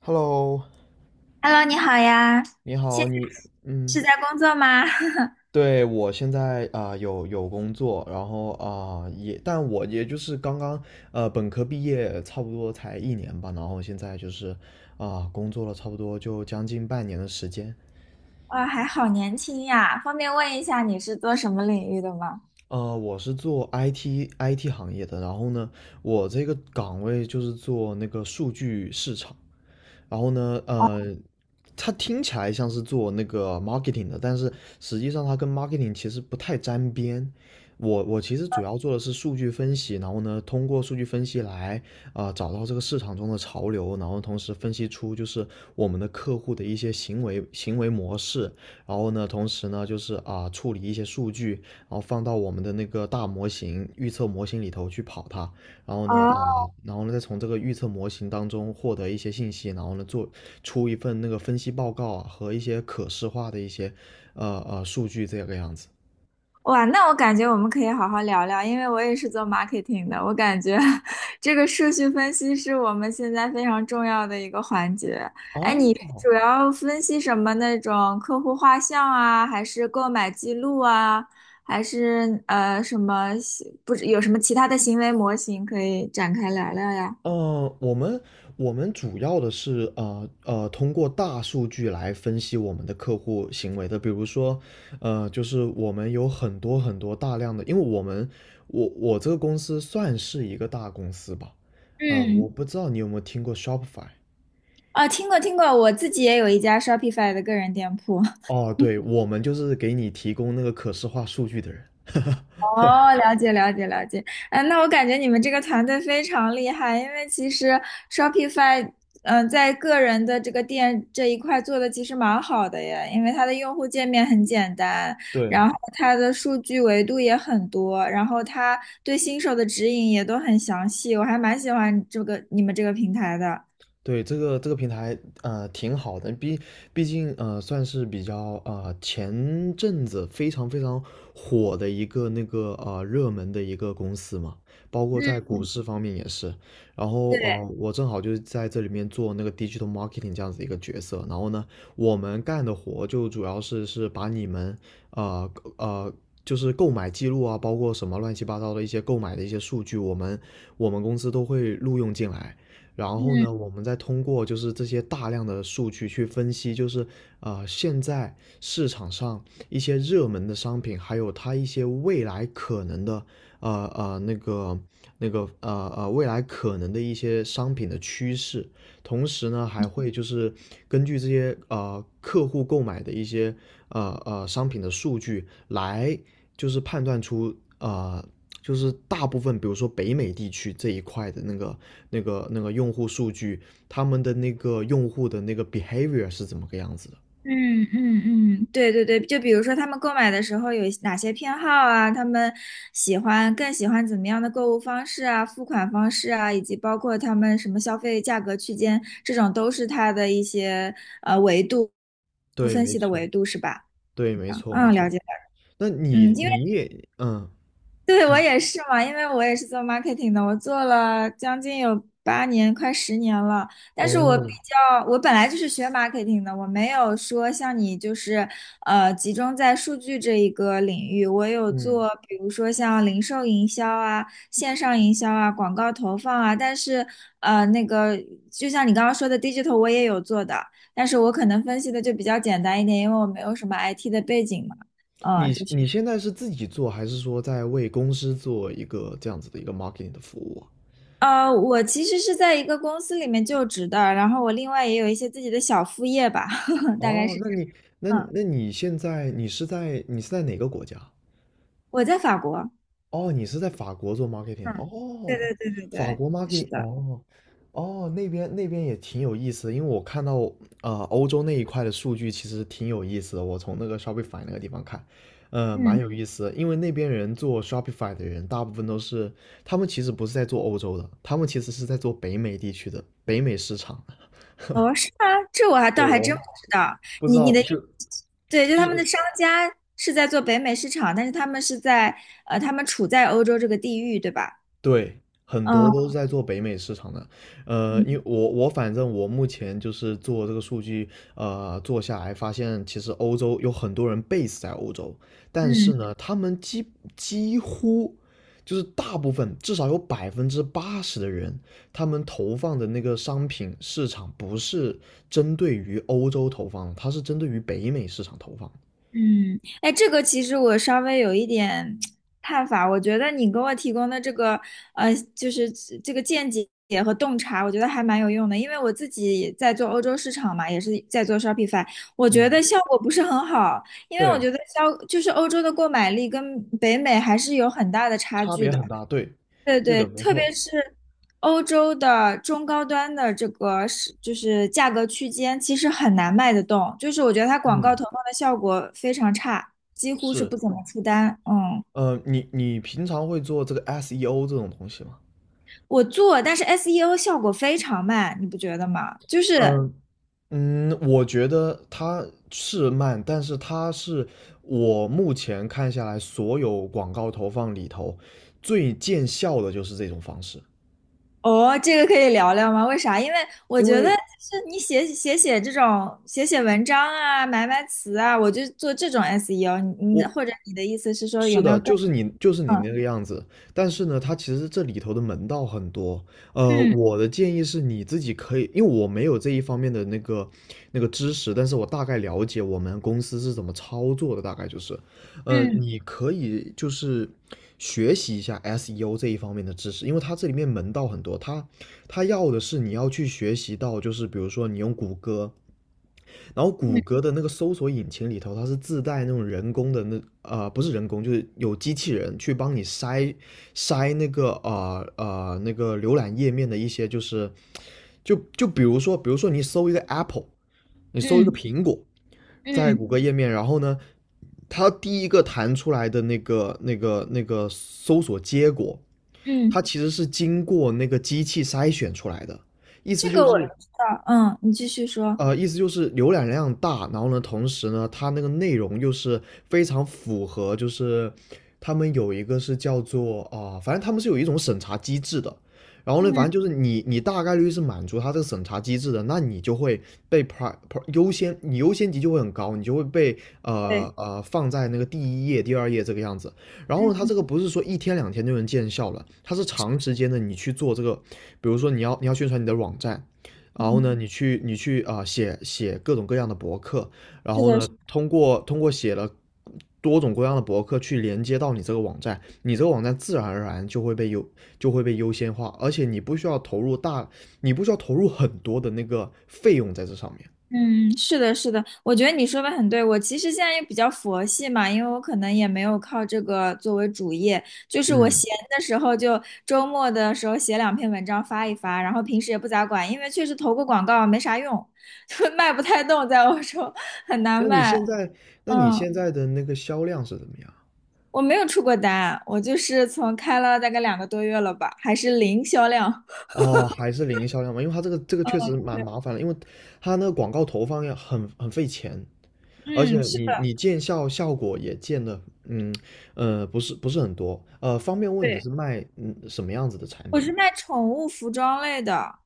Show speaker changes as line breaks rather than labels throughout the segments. Hello，
Hello，你好呀，
你
现
好，
在是
嗯。
在工作吗？
对，我现在有工作，然后但我也就是刚刚本科毕业，差不多才一年吧，然后现在就是工作了差不多就将近半年的时间。
哇，还好年轻呀！方便问一下你是做什么领域的吗？
我是做 IT 行业的，然后呢，我这个岗位就是做那个数据市场。然后呢，它听起来像是做那个 marketing 的，但是实际上它跟 marketing 其实不太沾边。我其实主要做的是数据分析，然后呢，通过数据分析来找到这个市场中的潮流，然后同时分析出就是我们的客户的一些行为模式，然后呢，同时呢就是处理一些数据，然后放到我们的那个大模型预测模型里头去跑它，然后呢，
哦，
呃，然后呢，再从这个预测模型当中获得一些信息，然后呢，做出一份那个分析报告啊，和一些可视化的一些数据这个样子。
哇，那我感觉我们可以好好聊聊，因为我也是做 marketing 的，我感觉 这个数据分析是我们现在非常重要的一个环节。哎，你是
哦。
主要分析什么那种客户画像啊，还是购买记录啊，还是什么，不是有什么其他的行为模型可以展开聊聊呀？
呃，我们我们主要的是通过大数据来分析我们的客户行为的。比如说，就是我们有很多很多大量的，因为我们我我这个公司算是一个大公司吧。我
嗯。
不知道你有没有听过 Shopify。
啊，听过听过，我自己也有一家 Shopify 的个人店铺。
哦，对，我们就是给你提供那个可视化数据的人。
哦，了解了解了解。嗯，那我感觉你们这个团队非常厉害，因为其实 Shopify，嗯、在个人的这个店这一块做的其实蛮好的耶，因为它的用户界面很简单，
对，
然后它的数据维度也很多，然后它对新手的指引也都很详细，我还蛮喜欢你们这个平台的。
对，这个平台，挺好的，毕竟算是比较前阵子非常非常火的一个热门的一个公司嘛，包括在
嗯，
股市方面也是。然后
对，
我正好就是在这里面做那个 digital marketing 这样子一个角色。然后呢，我们干的活就主要是把你们呃呃就是购买记录啊，包括什么乱七八糟的一些购买的一些数据，我们公司都会录用进来。然后呢，
嗯。
我们再通过就是这些大量的数据去分析，就是现在市场上一些热门的商品，还有它一些未来可能的呃呃那个那个未来可能的一些商品的趋势，同时呢还会就是根据这些客户购买的一些商品的数据来就是判断出就是大部分，比如说北美地区这一块的那个用户数据，他们的那个用户的那个 behavior 是怎么个样子的？
嗯嗯嗯，对对对，就比如说他们购买的时候有哪些偏好啊，他们更喜欢怎么样的购物方式啊，付款方式啊，以及包括他们什么消费价格区间，这种都是它的一些维度
对，
分
没
析的
错。
维度是吧？
对，没错，没
嗯，
错。
了解了。
那
嗯，
你
因为
你也嗯。
对，我
嗯。
也是嘛，因为我也是做 marketing 的，我做了将近有八年，快十年了。但是我比
哦。
较，我本来就是学 marketing 的，我没有说像你就是集中在数据这一个领域。我有
嗯。
做，比如说像零售营销啊、线上营销啊、广告投放啊，但是呃那个就像你刚刚说的 digital，我也有做的，但是我可能分析的就比较简单一点，因为我没有什么 IT 的背景嘛。嗯，
你现在是自己做，还是说在为公司做一个这样子的一个 marketing 的服务啊？
呃，我其实是在一个公司里面就职的，然后我另外也有一些自己的小副业吧，大概
哦，
是，
那你那
嗯，
那你现在你是在哪个国家？
我在法国，
哦，你是在法国做 marketing 的
嗯，对
哦。
对对对
法
对，
国
是
marketing
的，
哦。哦，那边也挺有意思的，因为我看到欧洲那一块的数据其实挺有意思的，我从那个 Shopify 那个地方看，蛮
嗯，
有意思的，因为那边人做 Shopify 的人大部分都是，他们其实不是在做欧洲的，他们其实是在做北美地区的北美市场的。
哦，是吗？这我还倒
对，
还真
我
不知道，
不知
你你
道。
的意
就
思，对，就
就
他们
是
的商家是在做北美市场，但是他们是在他们处在欧洲这个地域，对吧？
对，很多
嗯
都是在做北美市场的。
嗯
因为反正我目前就是做这个数据，做下来发现，其实欧洲有很多人 base 在欧洲，但
嗯
是呢，他们几乎就是大部分，至少有80%的人，他们投放的那个商品市场不是针对于欧洲投放的，它是针对于北美市场投放的。
嗯，哎，这个其实我稍微有一点看法，我觉得你给我提供的这个，就是这个见解和洞察，我觉得还蛮有用的，因为我自己也在做欧洲市场嘛，也是在做 Shopify。我觉
嗯，
得效果不是很好，因为我
对，
觉得消就是欧洲的购买力跟北美还是有很大的差
差
距
别
的。
很大。对。
对
对
对，
的，没
特别
错。
是欧洲的中高端的就是价格区间，其实很难卖得动。就是我觉得它广告
嗯，
投放的效果非常差，几乎是
是。
不怎么出单。嗯，
你平常会做这个 SEO 这种东西吗？
我做，但是 SEO 效果非常慢，你不觉得吗？就是
嗯嗯。我觉得它是慢，但是它是我目前看下来所有广告投放里头最见效的就是这种方式。
哦，这个可以聊聊吗？为啥？因为我
因
觉得就
为
是写这种写文章啊，买买词啊，我就做这种 SEO 你。你
我
或者你的意思是说
是
有没
的，
有更
就是你
嗯
那个样子，但是呢，它其实这里头的门道很多。
嗯
我的建议是你自己可以，因为我没有这一方面的那个知识，但是我大概了解我们公司是怎么操作的，大概就是
嗯
你可以就是学习一下 SEO 这一方面的知识，因为它这里面门道很多，它要的是你要去学习到，就是比如说你用谷歌，然后谷
嗯。
歌的那个搜索引擎里头，它是自带那种人工的不是人工，就是有机器人去帮你筛那个浏览页面的一些就是就就比如说比如说你搜一个 Apple，你搜一个
嗯
苹果，在谷
嗯
歌页面，然后呢，它第一个弹出来的那个搜索结果，它
嗯，
其实是经过那个机器筛选出来的，意思
这
就
个
是
我知道。嗯，你继续说。
意思就是浏览量大，然后呢，同时呢，它那个内容又是非常符合，就是他们有一个是叫做啊、反正他们是有一种审查机制的。然后呢，
嗯，
反正就是你大概率是满足它这个审查机制的，那你就会被 优先，你优先级就会很高，你就会被
对，
放在那个第一页、第二页这个样子。然后呢，它
嗯，
这个不是说一天两天就能见效了，它是长时间的，你去做这个，比如说你要宣传你的网站，然后
嗯，
呢，你去写各种各样的博客，然
是
后
的，
呢，通过写了多种各样的博客去连接到你这个网站，你这个网站自然而然就会被优先化，而且你不需要投入很多的那个费用在这上面。
嗯，是的，是的。我觉得你说的很对。我其实现在也比较佛系嘛，因为我可能也没有靠这个作为主业，就是我
嗯，
闲的时候就周末的时候写两篇文章发一发，然后平时也不咋管，因为确实投个广告没啥用。就卖不太动，在欧洲很难
那你
卖。
现在，那你
嗯，
现在的那个销量是怎么样？
我没有出过单，我就是从开了大概两个多月了吧，还是零销量。
哦，还是零销量吗？因为它这个
嗯，
确实蛮
对，
麻烦的，因为它那个广告投放要很费钱。而
嗯，
且
是
你
的，
你效果也见的。嗯不是很多。方便问你
对，
是卖什么样子的产
我
品？
是卖宠物服装类的。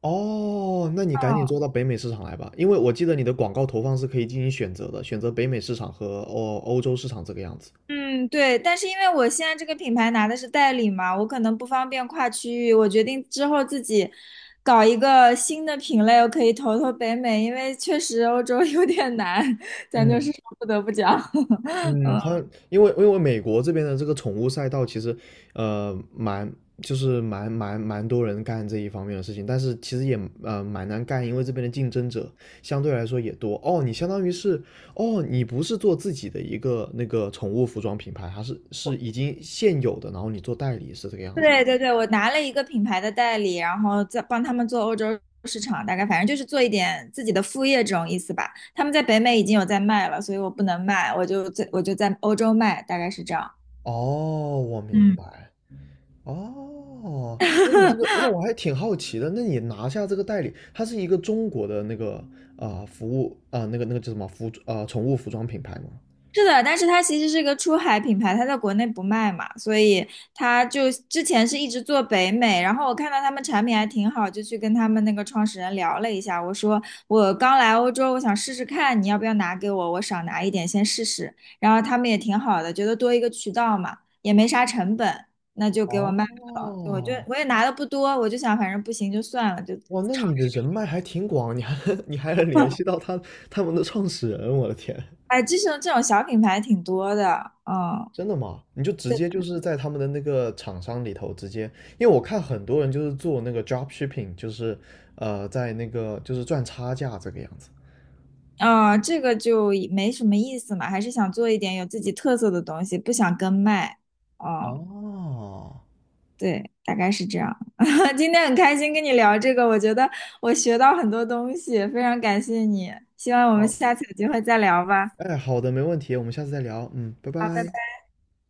哦，那你赶紧做
嗯
到北美市场来吧，因为我记得你的广告投放是可以进行选择的，选择北美市场和欧洲市场这个样子。
嗯，对，但是因为我现在这个品牌拿的是代理嘛，我可能不方便跨区域，我决定之后自己搞一个新的品类，我可以投投北美，因为确实欧洲 有点难，咱就是
嗯
说不得不讲。
嗯，它因为因为美国这边的这个宠物赛道，其实呃蛮就是蛮蛮蛮多人干这一方面的事情，但是其实也蛮难干，因为这边的竞争者相对来说也多。哦，你相当于是哦，你不是做自己的一个那个宠物服装品牌，它是已经现有的，然后你做代理是这个样子。
对对对，我拿了一个品牌的代理，然后再帮他们做欧洲市场，大概反正就是做一点自己的副业这种意思吧。他们在北美已经有在卖了，所以我不能卖，我就在欧洲卖，大概是这样。
哦，我明
嗯。
白。哦，那你这个，那我还挺好奇的。那你拿下这个代理，它是一个中国的那个啊、呃服务啊、呃那个那个叫什么服啊、呃宠物服装品牌吗？
是的，但是它其实是个出海品牌，它在国内不卖嘛，所以它就之前是一直做北美，然后我看到他们产品还挺好，就去跟他们那个创始人聊了一下。我说我刚来欧洲，我想试试看，你要不要拿给我，我少拿一点先试试，然后他们也挺好的，觉得多一个渠道嘛，也没啥成本，那就给我卖，
哦。
我也拿的不多，我就想反正不行就算了，就
哇，那
尝
你的
试。
人脉还挺广，你还 你还能联系到他们的创始人，我的天，
哎，这种这种小品牌挺多的，嗯。
真的吗？你就直接就是在他们的那个厂商里头直接，因为我看很多人就是做那个 drop shipping，就是在那个就是赚差价这个样子。
啊、这个就也没什么意思嘛，还是想做一点有自己特色的东西，不想跟卖。哦，
哦。
对，大概是这样。今天很开心跟你聊这个，我觉得我学到很多东西，非常感谢你。希望我们
哦，
下次有机会再聊吧。
哎，好的，没问题，我们下次再聊。嗯，拜
好，拜
拜。
拜。